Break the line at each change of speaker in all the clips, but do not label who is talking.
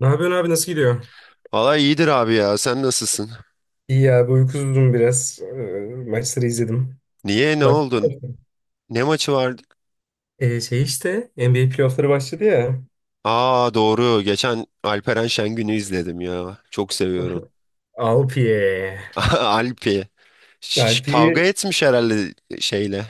Ne yapıyorsun abi, nasıl gidiyor?
Valla iyidir abi ya. Sen nasılsın?
İyi abi, uykusuzdum biraz. Maçları izledim.
Niye? Ne
Bak.
oldu? Ne maçı vardı?
Şey işte NBA playoffları başladı ya.
Aa doğru. Geçen Alperen Şengün'ü izledim ya. Çok seviyorum.
Alpiye.
Alpi.
Alpi'yi.
Kavga etmiş herhalde şeyle.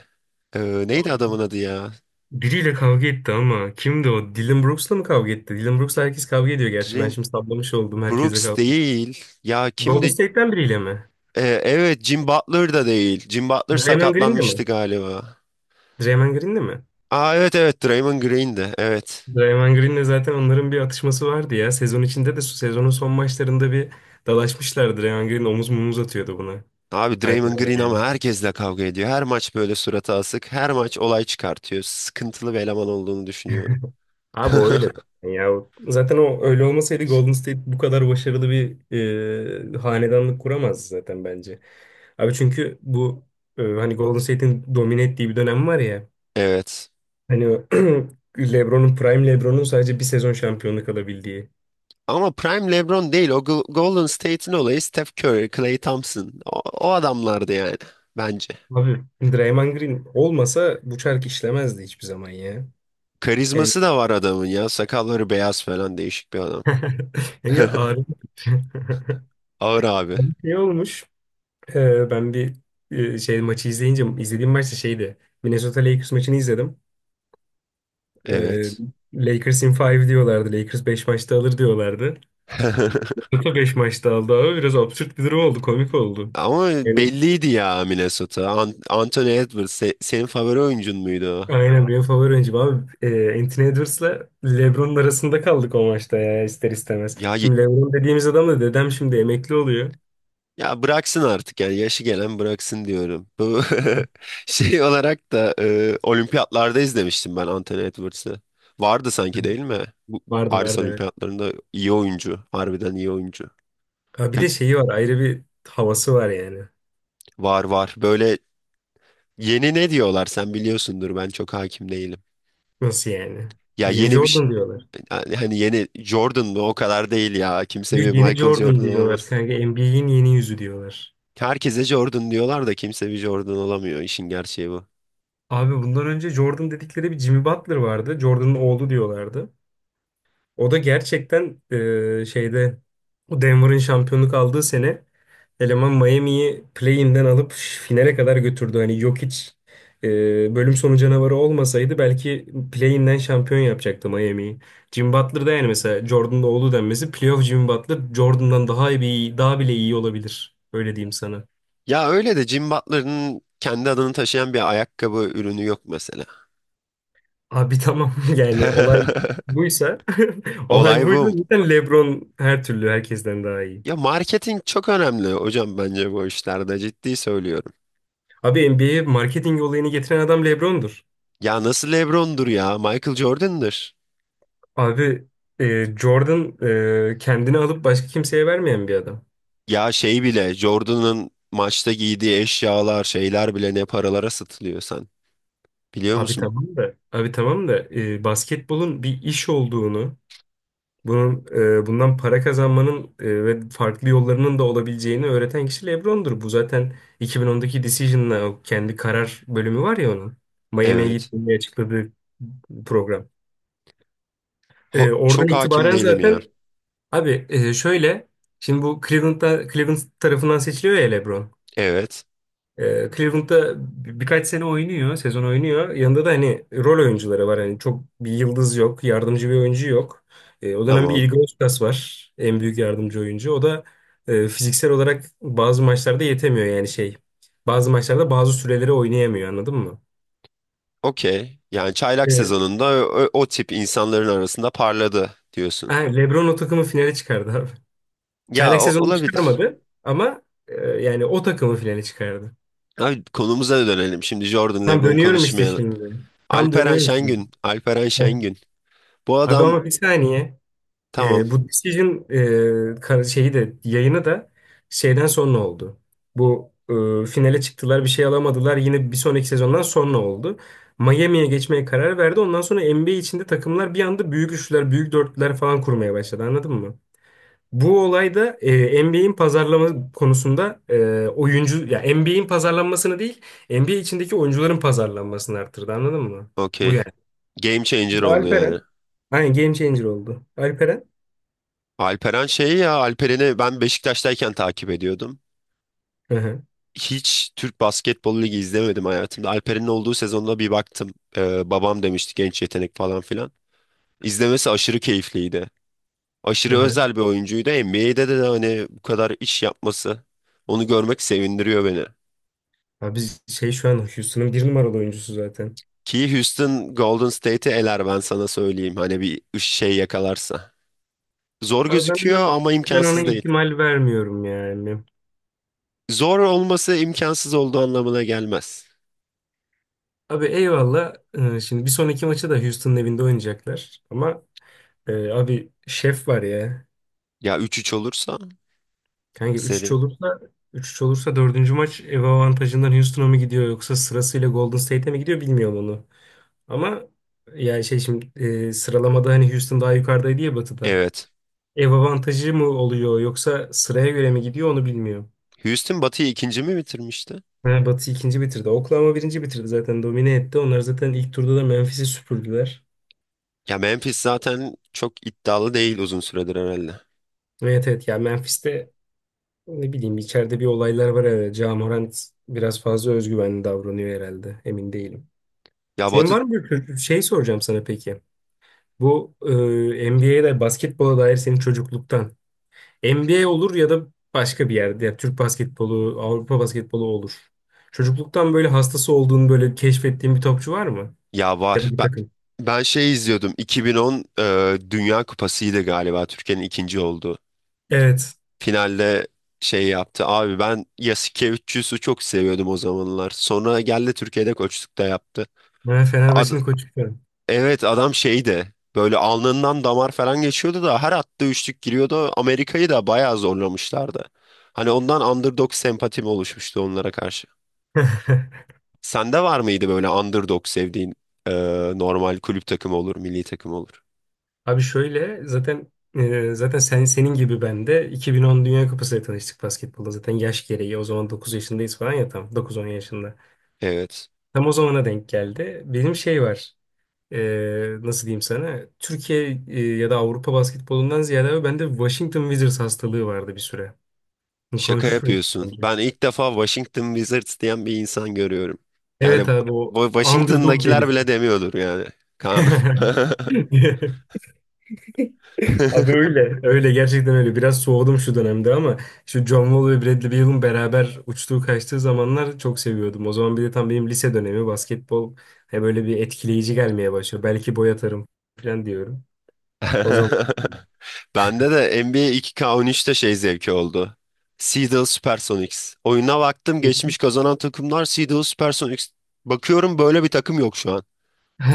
Ee, Neydi adamın adı ya?
Biriyle kavga etti ama kimdi o? Dylan Brooks'la mı kavga etti? Dylan Brooks'la herkes kavga ediyor gerçi. Ben
Jim
şimdi sallamış oldum. Herkesle
Brooks
kavga ediyor.
değil. Ya
Golden
kimdi?
State'ten biriyle mi?
Evet, Jim Butler da değil. Jim Butler
Draymond Green'le
sakatlanmıştı
mi?
galiba.
Draymond Green'le mi?
Aa, evet, evet, Draymond Green'di. Evet.
Draymond Green'le zaten onların bir atışması vardı ya. Sezon içinde de, sezonun son maçlarında bir dalaşmışlardı. Draymond Green omuz mumuz atıyordu buna.
Abi,
Hayır,
Draymond Green
öyle
ama
yani.
herkesle kavga ediyor. Her maç böyle suratı asık. Her maç olay çıkartıyor. Sıkıntılı bir eleman olduğunu düşünüyorum.
Abi o öyle zaten ya. Zaten o öyle olmasaydı Golden State bu kadar başarılı bir hanedanlık kuramazdı zaten bence. Abi çünkü bu hani Golden State'in domine ettiği bir dönem var ya.
Evet.
Hani o LeBron'un, Prime LeBron'un sadece bir sezon şampiyonluk alabildiği.
Ama Prime LeBron değil. O Golden State'in olayı Steph Curry, Klay Thompson. O adamlardı yani bence.
Abi Draymond Green olmasa bu çark işlemezdi hiçbir zaman ya. Yani,
Karizması da var adamın ya. Sakalları beyaz falan, değişik bir adam.
yani ağrı
Ağır abi.
şey olmuş. Ben bir şey maçı izleyince izlediğim maç da şeydi. Minnesota Lakers maçını izledim. Ee,
Evet.
Lakers in 5 diyorlardı. Lakers 5 maçta alır diyorlardı. Minnesota 5 maçta aldı abi. Biraz absürt bir durum oldu. Komik oldu.
Ama
Yani
belliydi ya Minnesota. Anthony Edwards senin favori oyuncun muydu o?
aynen benim favori oyuncum abi. Anthony Edwards'la LeBron'un arasında kaldık o maçta ya ister istemez.
Ya
Şimdi LeBron dediğimiz adam da dedem, şimdi emekli oluyor.
Ya, bıraksın artık yani, yaşı gelen bıraksın diyorum. Bu şey olarak da olimpiyatlarda izlemiştim ben Anthony Edwards'ı. Vardı
Hı.
sanki değil mi? Bu
Vardı
Paris
vardı, evet.
olimpiyatlarında iyi oyuncu. Harbiden iyi oyuncu.
Ha, bir de şeyi var, ayrı bir havası var yani.
Var var. Böyle yeni ne diyorlar, sen biliyorsundur, ben çok hakim değilim.
Nasıl yani?
Ya
Yeni
yeni bir şey,
Jordan diyorlar.
yani hani yeni Jordan mı, o kadar değil ya. Kimse
Yo,
bir
yeni
Michael
Jordan
Jordan
diyorlar
olamaz.
kanka. NBA'in yeni yüzü diyorlar.
Herkese Jordan diyorlar da kimse bir Jordan olamıyor. İşin gerçeği bu.
Abi bundan önce Jordan dedikleri bir Jimmy Butler vardı. Jordan'ın oğlu diyorlardı. O da gerçekten şeyde, o Denver'ın şampiyonluk aldığı sene eleman Miami'yi play-in'den alıp finale kadar götürdü. Hani Jokic bölüm sonu canavarı olmasaydı belki play-in'den şampiyon yapacaktı Miami'yi. Jimmy Butler da yani mesela Jordan'ın oğlu denmesi, playoff Jimmy Butler Jordan'dan daha iyi, daha bile iyi olabilir. Öyle diyeyim sana.
Ya öyle de Jim Butler'ın kendi adını taşıyan bir ayakkabı ürünü yok mesela.
Abi tamam, yani olay buysa olay
Olay
buysa
bu.
zaten LeBron her türlü herkesten daha iyi.
Ya, marketing çok önemli hocam, bence bu işlerde, ciddi söylüyorum.
Abi NBA'ye marketing olayını getiren adam LeBron'dur.
Ya nasıl LeBron'dur ya, Michael Jordan'dır.
Abi Jordan kendini alıp başka kimseye vermeyen bir adam.
Ya şey bile, Jordan'ın maçta giydiği eşyalar, şeyler bile ne paralara satılıyor sen. Biliyor
Abi
musun?
tamam da abi tamam da basketbolun bir iş olduğunu. Bunun bundan para kazanmanın ve farklı yollarının da olabileceğini öğreten kişi LeBron'dur. Bu zaten 2010'daki Decision'la, o kendi karar bölümü var ya onun. Miami'ye
Evet.
gittiğini açıkladığı program. Oradan
Çok hakim
itibaren
değilim ya.
zaten abi şöyle, şimdi bu Cleveland'da, Cleveland tarafından seçiliyor ya LeBron.
Evet.
Cleveland'da birkaç sene oynuyor, sezon oynuyor. Yanında da hani rol oyuncuları var. Hani çok bir yıldız yok, yardımcı bir oyuncu yok. O dönem bir
Tamam.
Igor Lucas var, en büyük yardımcı oyuncu. O da fiziksel olarak bazı maçlarda yetemiyor yani şey. Bazı maçlarda bazı süreleri oynayamıyor, anladın mı?
Okey. Yani çaylak
Evet.
sezonunda o tip insanların arasında parladı
Ha,
diyorsun.
LeBron o takımı finale çıkardı abi.
Ya
Çaylak sezonu
olabilir.
çıkarmadı ama yani o takımı finale çıkardı.
Abi konumuza dönelim. Şimdi Jordan,
Tam
LeBron
dönüyorum işte
konuşmayalım.
şimdi. Tam
Alperen
dönüyorum şimdi.
Şengün. Alperen
Heh.
Şengün. Bu
Abi
adam
ama bir saniye.
tamam.
Bu Decision şeyi de yayını da şeyden sonra oldu. Bu finale çıktılar, bir şey alamadılar. Yine bir sonraki sezondan sonra oldu. Miami'ye geçmeye karar verdi. Ondan sonra NBA içinde takımlar bir anda büyük üçlüler, büyük dörtlüler falan kurmaya başladı. Anladın mı? Bu olay da NBA'in pazarlama konusunda oyuncu ya NBA'in pazarlanmasını değil, NBA içindeki oyuncuların pazarlanmasını arttırdı. Anladın mı? Bu
Okey.
yani.
Game changer
Mesela
oldu yani.
Alperen. Aynen game changer oldu. Alperen.
Alperen şey ya, Alperen'i ben Beşiktaş'tayken takip ediyordum.
Hı hı.
Hiç Türk Basketbol Ligi izlemedim hayatımda. Alperen'in olduğu sezonda bir baktım. Babam demişti genç yetenek falan filan. İzlemesi aşırı keyifliydi.
Hı
Aşırı
hı.
özel bir oyuncuydu. NBA'de de hani bu kadar iş yapması, onu görmek sevindiriyor beni.
Abi biz şey şu an Houston'ın bir numaralı oyuncusu zaten.
Ki Houston Golden State'i eler, ben sana söyleyeyim. Hani bir şey yakalarsa. Zor
Abi ben
gözüküyor
ona,
ama
ben ona
imkansız değil.
ihtimal vermiyorum yani.
Zor olması imkansız olduğu anlamına gelmez.
Abi eyvallah. Şimdi bir sonraki maçı da Houston'ın evinde oynayacaklar. Ama abi şef var ya.
Ya 3-3 olursa
Kanka
seri.
üç üç olursa dördüncü maç ev avantajından Houston'a mı gidiyor, yoksa sırasıyla Golden State'e mi gidiyor bilmiyorum onu. Ama yani şey şimdi sıralamada hani Houston daha yukarıdaydı ya batıda.
Evet.
Ev avantajı mı oluyor, yoksa sıraya göre mi gidiyor onu bilmiyorum.
Houston Batı'yı ikinci mi bitirmişti?
Ha, Batı ikinci bitirdi. Oklahoma birinci bitirdi zaten. Domine etti. Onlar zaten ilk turda da Memphis'i süpürdüler.
Ya Memphis zaten çok iddialı değil uzun süredir herhalde.
Evet evet. Ya Memphis'te ne bileyim içeride bir olaylar var herhalde. Ja Morant biraz fazla özgüvenli davranıyor herhalde. Emin değilim.
Ya
Senin var
Batı.
mı bir şey soracağım sana peki. Bu NBA'de basketbola dair senin çocukluktan. NBA olur ya da başka bir yerde. Ya Türk basketbolu, Avrupa basketbolu olur. Çocukluktan böyle hastası olduğunu böyle keşfettiğin bir topçu var mı?
Ya
Ya da
var.
bir
Ben,
takım.
ben şey izliyordum. 2010 Dünya Kupası'ydı galiba. Türkiye'nin ikinci olduğu.
Evet.
Finalde şey yaptı. Abi ben Yasuke 300'ü çok seviyordum o zamanlar. Sonra geldi, Türkiye'de koçluk da yaptı.
Ben
Ad-
Fenerbahçe'nin koçuyum.
evet, adam şeydi. Böyle alnından damar falan geçiyordu da her attığı üçlük giriyordu. Amerika'yı da bayağı zorlamışlardı. Hani ondan underdog sempatim oluşmuştu onlara karşı. Sende var mıydı böyle underdog sevdiğin, e, normal kulüp takımı olur, milli takım olur?
Abi şöyle zaten zaten sen senin gibi ben de 2010 Dünya Kupası'yla tanıştık basketbolda. Zaten yaş gereği o zaman 9 yaşındayız falan ya, tam 9-10 yaşında.
Evet.
Tam o zamana denk geldi. Benim şey var. Nasıl diyeyim sana? Türkiye ya da Avrupa basketbolundan ziyade abi bende Washington Wizards hastalığı vardı bir süre.
Şaka
Konuşmuş muyduk
yapıyorsun.
bence?
Ben ilk defa Washington Wizards diyen bir insan görüyorum.
Evet
Yani
abi, o
bu
underdog
Washington'dakiler
deli.
bile demiyordur yani. Kaan'ım.
Abi öyle. Öyle gerçekten öyle. Biraz soğudum şu dönemde ama şu John Wall ve Bradley Beal'ın beraber uçtuğu kaçtığı zamanlar çok seviyordum. O zaman bir de tam benim lise dönemi basketbol he böyle bir etkileyici gelmeye başlıyor. Belki boy atarım falan diyorum. O zaman
Bende de NBA 2K13'te şey zevki oldu. Seattle Supersonics. Oyuna baktım, geçmiş kazanan takımlar Seattle Supersonics. Bakıyorum böyle bir takım yok şu an.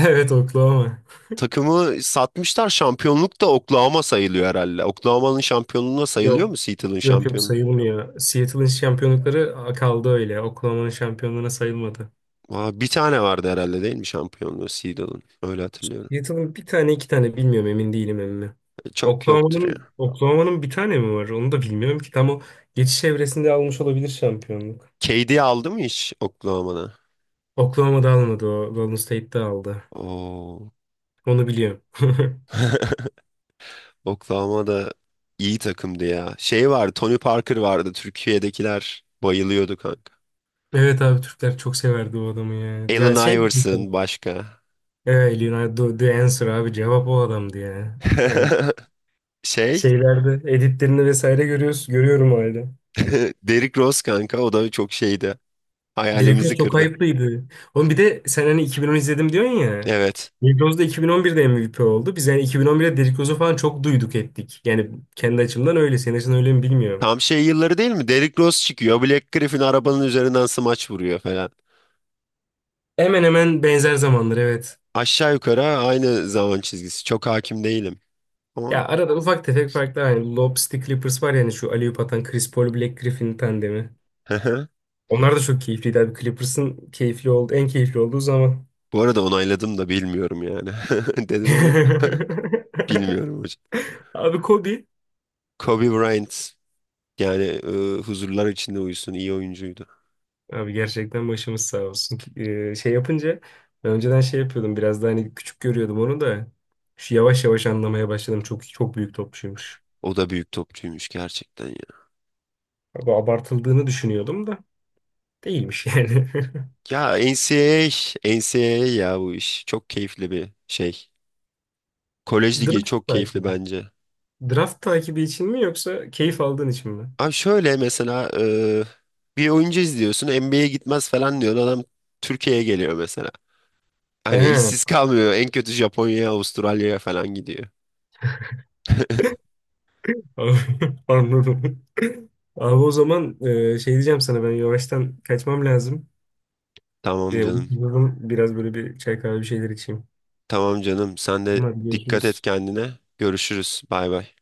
evet Oklahoma.
Takımı satmışlar, şampiyonluk da Oklahoma sayılıyor herhalde. Oklahoma'nın şampiyonluğuna sayılıyor
Yok.
mu Seattle'ın
Yok yok,
şampiyonluğu?
sayılmıyor. Seattle'ın şampiyonlukları kaldı öyle. Oklahoma'nın şampiyonluğuna sayılmadı.
Aa, bir tane vardı herhalde değil mi şampiyonluğu Seedal'ın? Öyle hatırlıyorum.
Seattle'ın bir tane iki tane bilmiyorum, emin değilim emmi.
E, çok yoktur ya.
Oklahoma'nın bir tane mi var? Onu da bilmiyorum ki. Tam o geçiş evresinde almış olabilir şampiyonluk.
KD aldı mı hiç Oklahoma'da?
Oklahoma'da almadı o. Golden State'de aldı.
Oo.
Onu biliyorum.
Oklahoma'da iyi takımdı ya. Şey vardı, Tony Parker vardı. Türkiye'dekiler bayılıyordu kanka.
Evet abi, Türkler çok severdi o adamı ya.
Allen
Ya şey
Iverson başka.
evet, Leonardo the Answer abi, cevap o adamdı ya. Yani
Şey,
şeylerde editlerini vesaire görüyoruz, görüyorum hala.
Derrick Rose kanka, o da çok şeydi.
Derrick Rose
Hayalimizi
çok
kırdı.
ayıplıydı. Oğlum, bir de sen hani 2010 izledim diyorsun ya.
Evet.
Derrick Rose da 2011'de MVP oldu. Biz yani 2011'de Derrick Rose'u falan çok duyduk ettik. Yani kendi açımdan öyle. Senin açın öyle mi bilmiyorum.
Tam şey yılları değil mi? Derrick Rose çıkıyor. Black Griffin arabanın üzerinden smaç vuruyor falan.
Hemen hemen benzer zamanlar, evet.
Aşağı yukarı aynı zaman çizgisi. Çok hakim değilim ama.
Ya arada ufak tefek farklar. Hani Lobster Clippers var, yani şu alley-oop atan Chris Paul Black Griffin tandemi. Onlar da çok keyifliydi abi. Clippers'ın keyifli oldu, en keyifli olduğu zaman.
Bu arada onayladım da bilmiyorum yani. Dedim ama bilmiyorum hocam.
Abi Kobe.
Kobe Bryant yani, e, huzurlar içinde uyusun, iyi oyuncuydu.
Abi gerçekten başımız sağ olsun. Şey yapınca ben önceden şey yapıyordum, biraz da hani küçük görüyordum onu da. Şu yavaş yavaş anlamaya başladım. Çok çok büyük topçuymuş.
O da büyük topçuymuş gerçekten ya.
Abi abartıldığını düşünüyordum da değilmiş yani.
Ya NCAA, NCAA ya bu iş. Çok keyifli bir şey. Kolej ligi
Draft
çok keyifli
takibi.
bence.
Draft takibi için mi, yoksa keyif aldığın için mi?
Abi şöyle mesela, bir oyuncu izliyorsun, NBA'ye gitmez falan diyor. Adam Türkiye'ye geliyor mesela. Hani
He,
işsiz kalmıyor. En kötü Japonya'ya, Avustralya'ya falan gidiyor.
anladım. Abi o zaman şey diyeceğim sana, ben yavaştan kaçmam lazım.
Tamam canım.
Uykuyorum. Biraz böyle bir çay kahve bir şeyler içeyim.
Tamam canım. Sen de
Hadi
dikkat et
görüşürüz.
kendine. Görüşürüz. Bay bay.